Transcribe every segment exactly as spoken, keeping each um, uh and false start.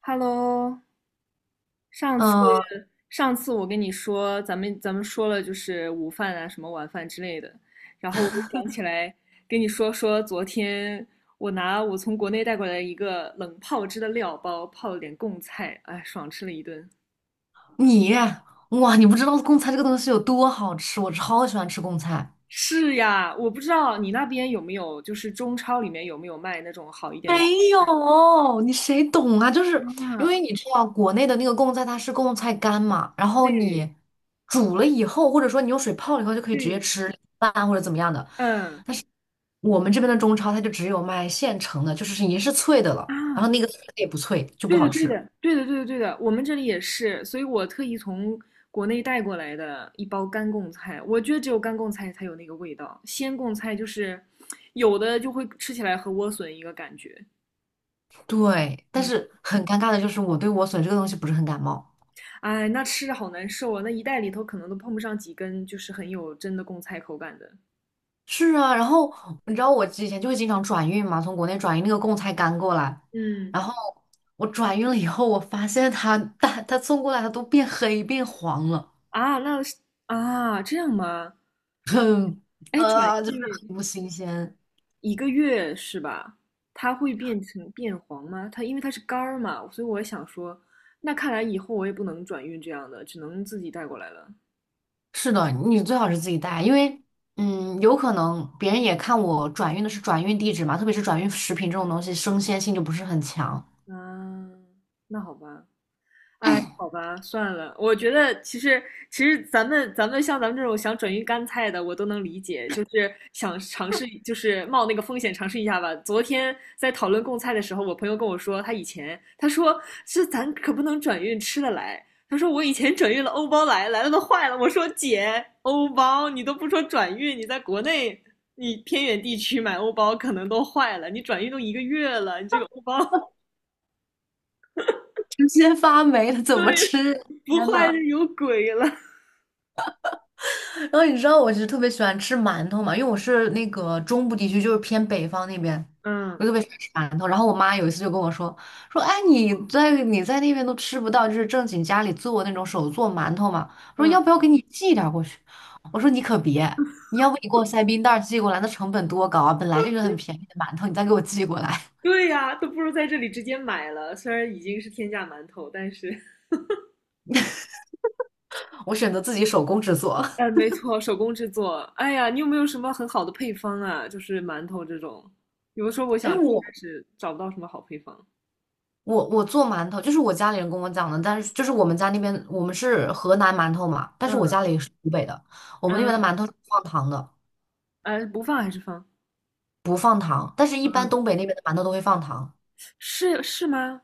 Hello，上次嗯，上次我跟你说，咱们咱们说了就是午饭啊，什么晚饭之类的，然后我就想起来跟你说说，昨天我拿我从国内带过来一个冷泡汁的料包，泡了点贡菜，哎，爽吃了一顿。你哇，你不知道贡菜这个东西有多好吃，我超喜欢吃贡菜。是呀，我不知道你那边有没有，就是中超里面有没有卖那种好一点的贡没菜有，你谁懂啊？就是因啊？为你知道国内的那个贡菜，它是贡菜干嘛，然后对你煮了以后，或者说你用水泡了以后，就可以直接对，吃饭或者怎么样的。嗯我们这边的中超它就只有卖现成的，就是已经是脆的了，然啊，后那个脆的也不脆，就不对的，好对吃。的，对的，对的，对的，我们这里也是，所以我特意从国内带过来的一包干贡菜，我觉得只有干贡菜才有那个味道，鲜贡菜就是有的就会吃起来和莴笋一个感觉，对，但嗯，是很尴尬的就是我对莴笋这个东西不是很感冒。哎，那吃着好难受啊，那一袋里头可能都碰不上几根，就是很有真的贡菜口感的，是啊，然后你知道我之前就会经常转运嘛，从国内转运那个贡菜干过来，嗯，然后我转运了以后，我发现它它它送过来它都变黑变黄了，啊，那是啊，这样吗？很哎，转呃就是运很不新鲜。一个月是吧？它会变成变黄吗？它因为它是干儿嘛，所以我想说，那看来以后我也不能转运这样的，只能自己带过来了。是的，你最好是自己带，因为嗯，有可能别人也看我转运的是转运地址嘛，特别是转运食品这种东西，生鲜性就不是很强，啊，那好吧，哎，好吧，算了。我觉得其实其实咱们咱们像咱们这种想转运干菜的，我都能理解，就是想尝试，就是冒那个风险尝试一下吧。昨天在讨论贡菜的时候，我朋友跟我说，他以前他说这咱可不能转运吃的来，他说我以前转运了欧包来，来了都坏了。我说姐，欧包你都不说转运，你在国内你偏远地区买欧包可能都坏了，你转运都一个月了，你这个欧包 直接发霉了 怎么对吃？不天坏就呐！有鬼了。然后你知道我其实特别喜欢吃馒头嘛，因为我是那个中部地区，就是偏北方那边，嗯我特别喜欢吃馒头。然后我妈有一次就跟我说说，哎，你在你在那边都吃不到，就是正经家里做那种手做馒头嘛。我说嗯，要不要给你寄点儿过去？我说你可别，你要不你给我塞冰袋儿寄过来，那成本多高啊！本来就是很便宜的馒头，你再给我寄过来，对呀，都不如在这里直接买了。虽然已经是天价馒头，但是，我选择自己手工制作。嗯，没错，手工制作。哎呀，你有没有什么很好的配方啊？就是馒头这种，有的时候我哎，想吃，但我是找不到什么好配方。我我做馒头，就是我家里人跟我讲的，但是就是我们家那边我们是河南馒头嘛，但是我嗯家里是湖北的，我们那边嗯，的馒头是不放糖的，呃，不放还是放？不放糖，但是一般嗯，东北那边的馒头都会放糖，是是吗？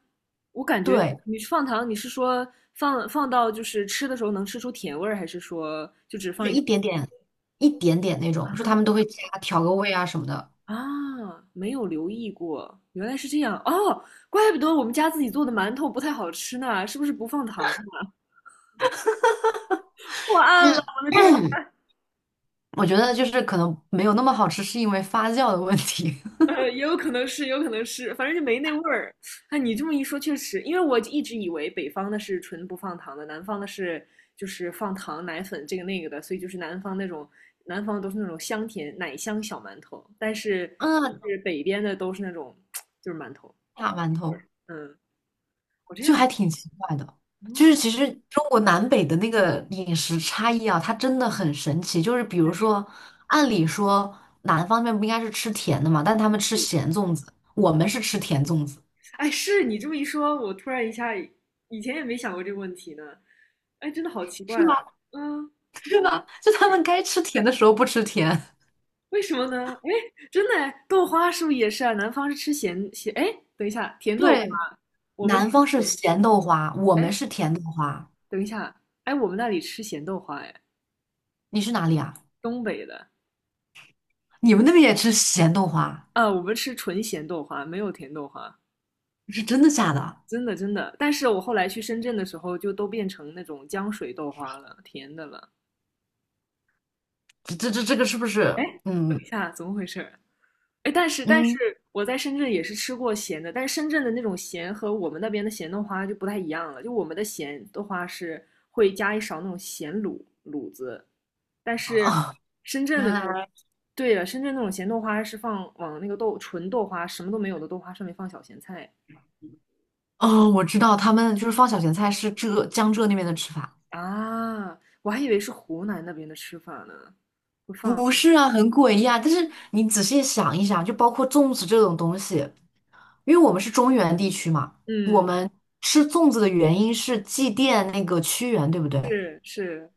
我感觉对，你放糖，你是说放放到就是吃的时候能吃出甜味儿，还是说就只就放是一一点？点点一点点那啊种，就他们都会加调个味啊什么的。啊，没有留意过，原来是这样哦，怪不得我们家自己做的馒头不太好吃呢，是不是不放糖啊破案了，我的天 我觉得就是可能没有那么好吃，是因为发酵的问题。呃，也有可能是，也有可能是，反正就没那味儿。哎，你这么一说，确实，因为我一直以为北方的是纯不放糖的，南方的是就是放糖、奶粉这个那个的，所以就是南方那种，南方都是那种香甜奶香小馒头，但是嗯，是北边的都是那种就是馒头。大馒头。嗯，我这就样，还挺奇怪的。就嗯，是其实中国南北的那个饮食差异啊，它真的很神奇。就是比如还是。说，按理说南方面不应该是吃甜的嘛，但他们吃咸粽子，我们是吃甜粽子，哎，是你这么一说，我突然一下以前也没想过这个问题呢。哎，真的好奇怪是哦。吗？嗯，是吗？就他们该吃甜的时候不吃甜。为什么呢？哎，真的哎，豆花是不是也是啊？南方是吃咸咸，哎，等一下，甜豆花，对，我们吃南方是咸，咸豆花，我们哎，是甜豆花。等一下，哎，我们那里吃咸豆花，哎，你是哪里啊？东北的你们那边也吃咸豆花？啊，我们吃纯咸豆花，没有甜豆花，是真的假的？真的真的。但是我后来去深圳的时候，就都变成那种浆水豆花了，甜的了。这这这这个是不是？哎，等一嗯下，怎么回事？哎，但是但嗯是我在深圳也是吃过咸的，但是深圳的那种咸和我们那边的咸豆花就不太一样了。就我们的咸豆花是会加一勺那种咸卤卤子，但是啊，深圳原的那种，来。对了，深圳那种咸豆花是放往那个豆纯豆花什么都没有的豆花上面放小咸菜哦，我知道他们就是放小咸菜是浙江浙那边的吃法，啊，我还以为是湖南那边的吃法呢，会放，不是啊，很诡异啊。但是你仔细想一想，就包括粽子这种东西，因为我们是中原地区嘛，我嗯，们吃粽子的原因是祭奠那个屈原，对不对？是是，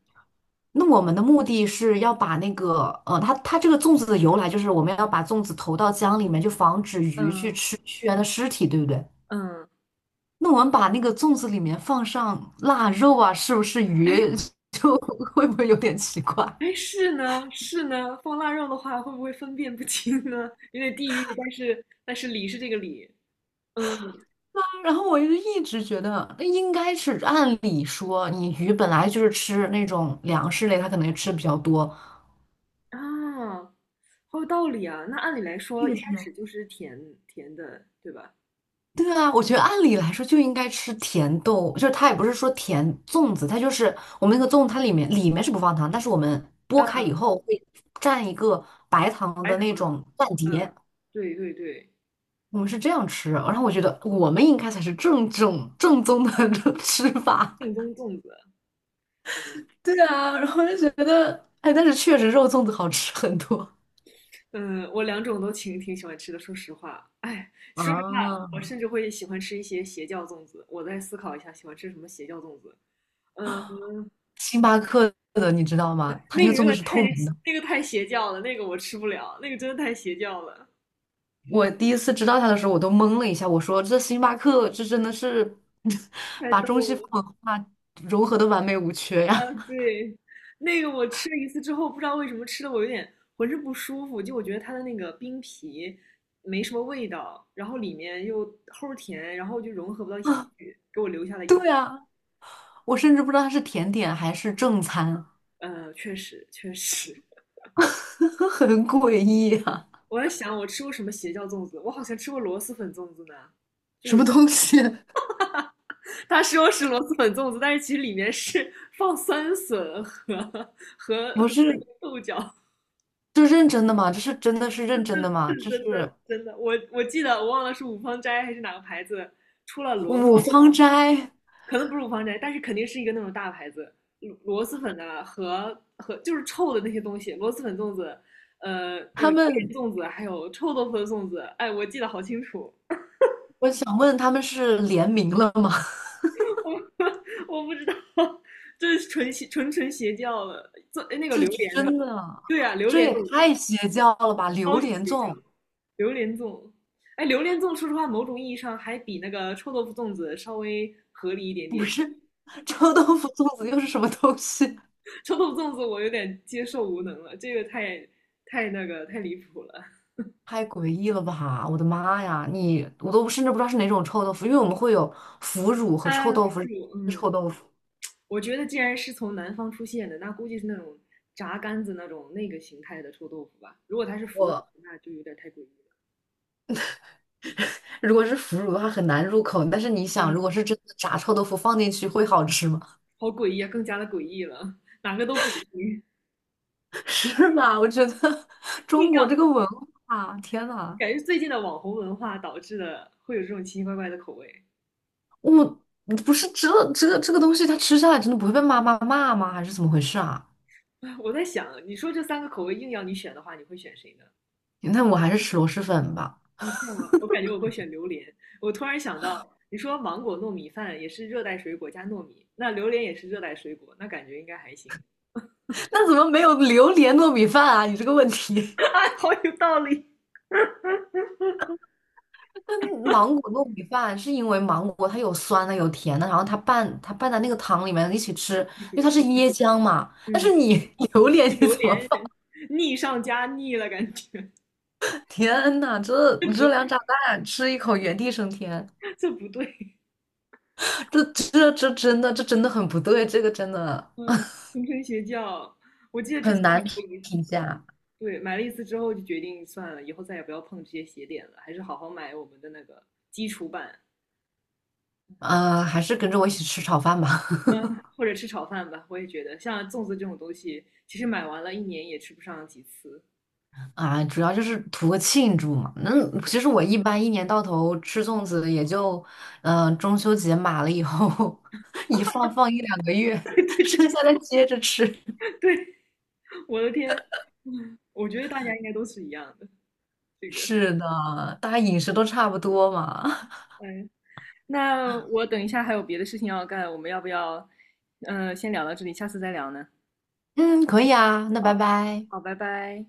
那我们的目的是要把那个，呃，它它这个粽子的由来就是我们要把粽子投到江里面，就防止鱼去嗯吃屈原的尸体，对不对？嗯，那我们把那个粽子里面放上腊肉啊，是不是鱼 哎 就会不会有点奇怪？哎，是呢，是呢，放腊肉的话，会不会分辨不清呢？有点地域，但是但是理是这个理，嗯然后我就一直觉得，那应该是按理说，你鱼本来就是吃那种粮食类，它可能吃比较多。啊，好有道理啊。那按理来是说，一不开是始呢？就是甜甜的，对吧？对啊，我觉得按理来说就应该吃甜豆，就是它也不是说甜粽子，它就是我们那个粽，它里面里面是不放糖，但是我们剥开嗯，以后会蘸一个白糖白的糖，那种蘸嗯，碟，对对对，我们是这样吃。然后我觉得我们应该才是正正正宗的 吃法。正宗粽子，嗯对啊，然后就觉得，哎，但是确实肉粽子好吃很多。嗯，我两种都挺挺喜欢吃的，说实话，哎，说实话，我啊，甚至会喜欢吃一些邪教粽子。我再思考一下，喜欢吃什么邪教粽子。嗯。星巴克的你知道吗？它那那个粽子个是太透明的。那个太邪教了，那个我吃不了，那个真的太邪教了，我第一次知道它的时候，我都懵了一下，我说这星巴克这真的是 太把逗中西方了。文化融合的完美无缺呀！对，那个我吃了一次之后，不知道为什么吃的我有点浑身不舒服，就我觉得它的那个冰皮没什么味道，然后里面又齁甜，然后就融合不到一起去。我甚至不知道它是甜点还是正餐，呃，确实确实，很诡异啊！我在想我吃过什么邪教粽子，我好像吃过螺蛳粉粽子呢，就什是么东西？他说是螺蛳粉粽子，但是其实里面是放酸笋和 和和不是，豆角。这认真的吗？这是真的是认真的吗？这真是的真的，我我记得我忘了是五芳斋还是哪个牌子出了螺蛳五芳斋，可能不是五芳斋，但是肯定是一个那种大牌子，螺螺蛳粉的和和就是臭的那些东西，螺蛳粉粽子，呃，那个他榴莲们，粽子，还有臭豆腐的粽子，哎，我记得好清楚，我想问他们是联名了吗？我我不知道，这是纯邪纯纯邪教了，做哎那个这榴莲的，真的，对啊，榴这莲的也围太邪教了吧！超榴级莲邪教，粽榴莲粽，哎，榴莲粽说实话，某种意义上还比那个臭豆腐粽子稍微合理一点不点。是臭豆腐粽子又是什么东西？臭豆腐粽子我有点接受无能了，这个太太那个太离谱了太诡异了吧！我的妈呀，你我都甚至不知道是哪种臭豆腐，因为我们会有腐乳和臭啊！腐豆腐。乳，嗯，臭豆腐，我觉得既然是从南方出现的，那估计是那种炸干子那种那个形态的臭豆腐吧。如果它是腐乳，我那就有点太诡异了。如果是腐乳的话很难入口，但是你想，如嗯，果是真的炸臭豆腐放进去会好吃吗？好诡异啊，更加的诡异了，哪个都诡异，是吧？我觉得 硬中国要这个文化，天呐！感觉最近的网红文化导致的会有这种奇奇怪怪的口味。我不是这这个这个东西，它吃下来真的不会被妈妈骂吗？还是怎么回事啊？我在想，你说这三个口味硬要你选的话，你会选谁呢？那我还是吃螺蛳粉吧。哦，这样啊，我感觉我会选榴莲。我突然想到，你说芒果糯米饭也是热带水果加糯米，那榴莲也是热带水果，那感觉应该还行。那怎么没有榴莲糯米饭啊？你这个问题，啊，好有道理，那芒果糯米饭是因为芒果它有酸的有甜的，然后它拌它拌在那个汤里面一起吃，是因为它吧？是椰浆嘛。但嗯，是你 榴莲你榴怎么莲放？腻上加腻了，感觉 天呐，这这不热量炸弹吃一口原地升天，这不对。这这这真的这真的很不对，这个真的嗯，谆谆学教，我记得之前很买难过一次，评价。对买了一次之后就决定算了，以后再也不要碰这些鞋点了，还是好好买我们的那个基础版。呃，还是跟着我一起吃炒饭吧。嗯，或者吃炒饭吧，我也觉得像粽子这种东西，其实买完了一年也吃不上几次。啊，主要就是图个庆祝嘛。这那其个 实我一般一年到头吃粽子，也就嗯、呃中秋节码了以后，一放放一两个月，剩下的接着吃。对，我的天，我觉得大家应该都是一样的。这个，是的，大家饮食都差不多嘛。嗯，那我等一下还有别的事情要干，我们要不要，嗯、呃先聊到这里，下次再聊呢？嗯，可以啊，那拜拜。好，拜拜。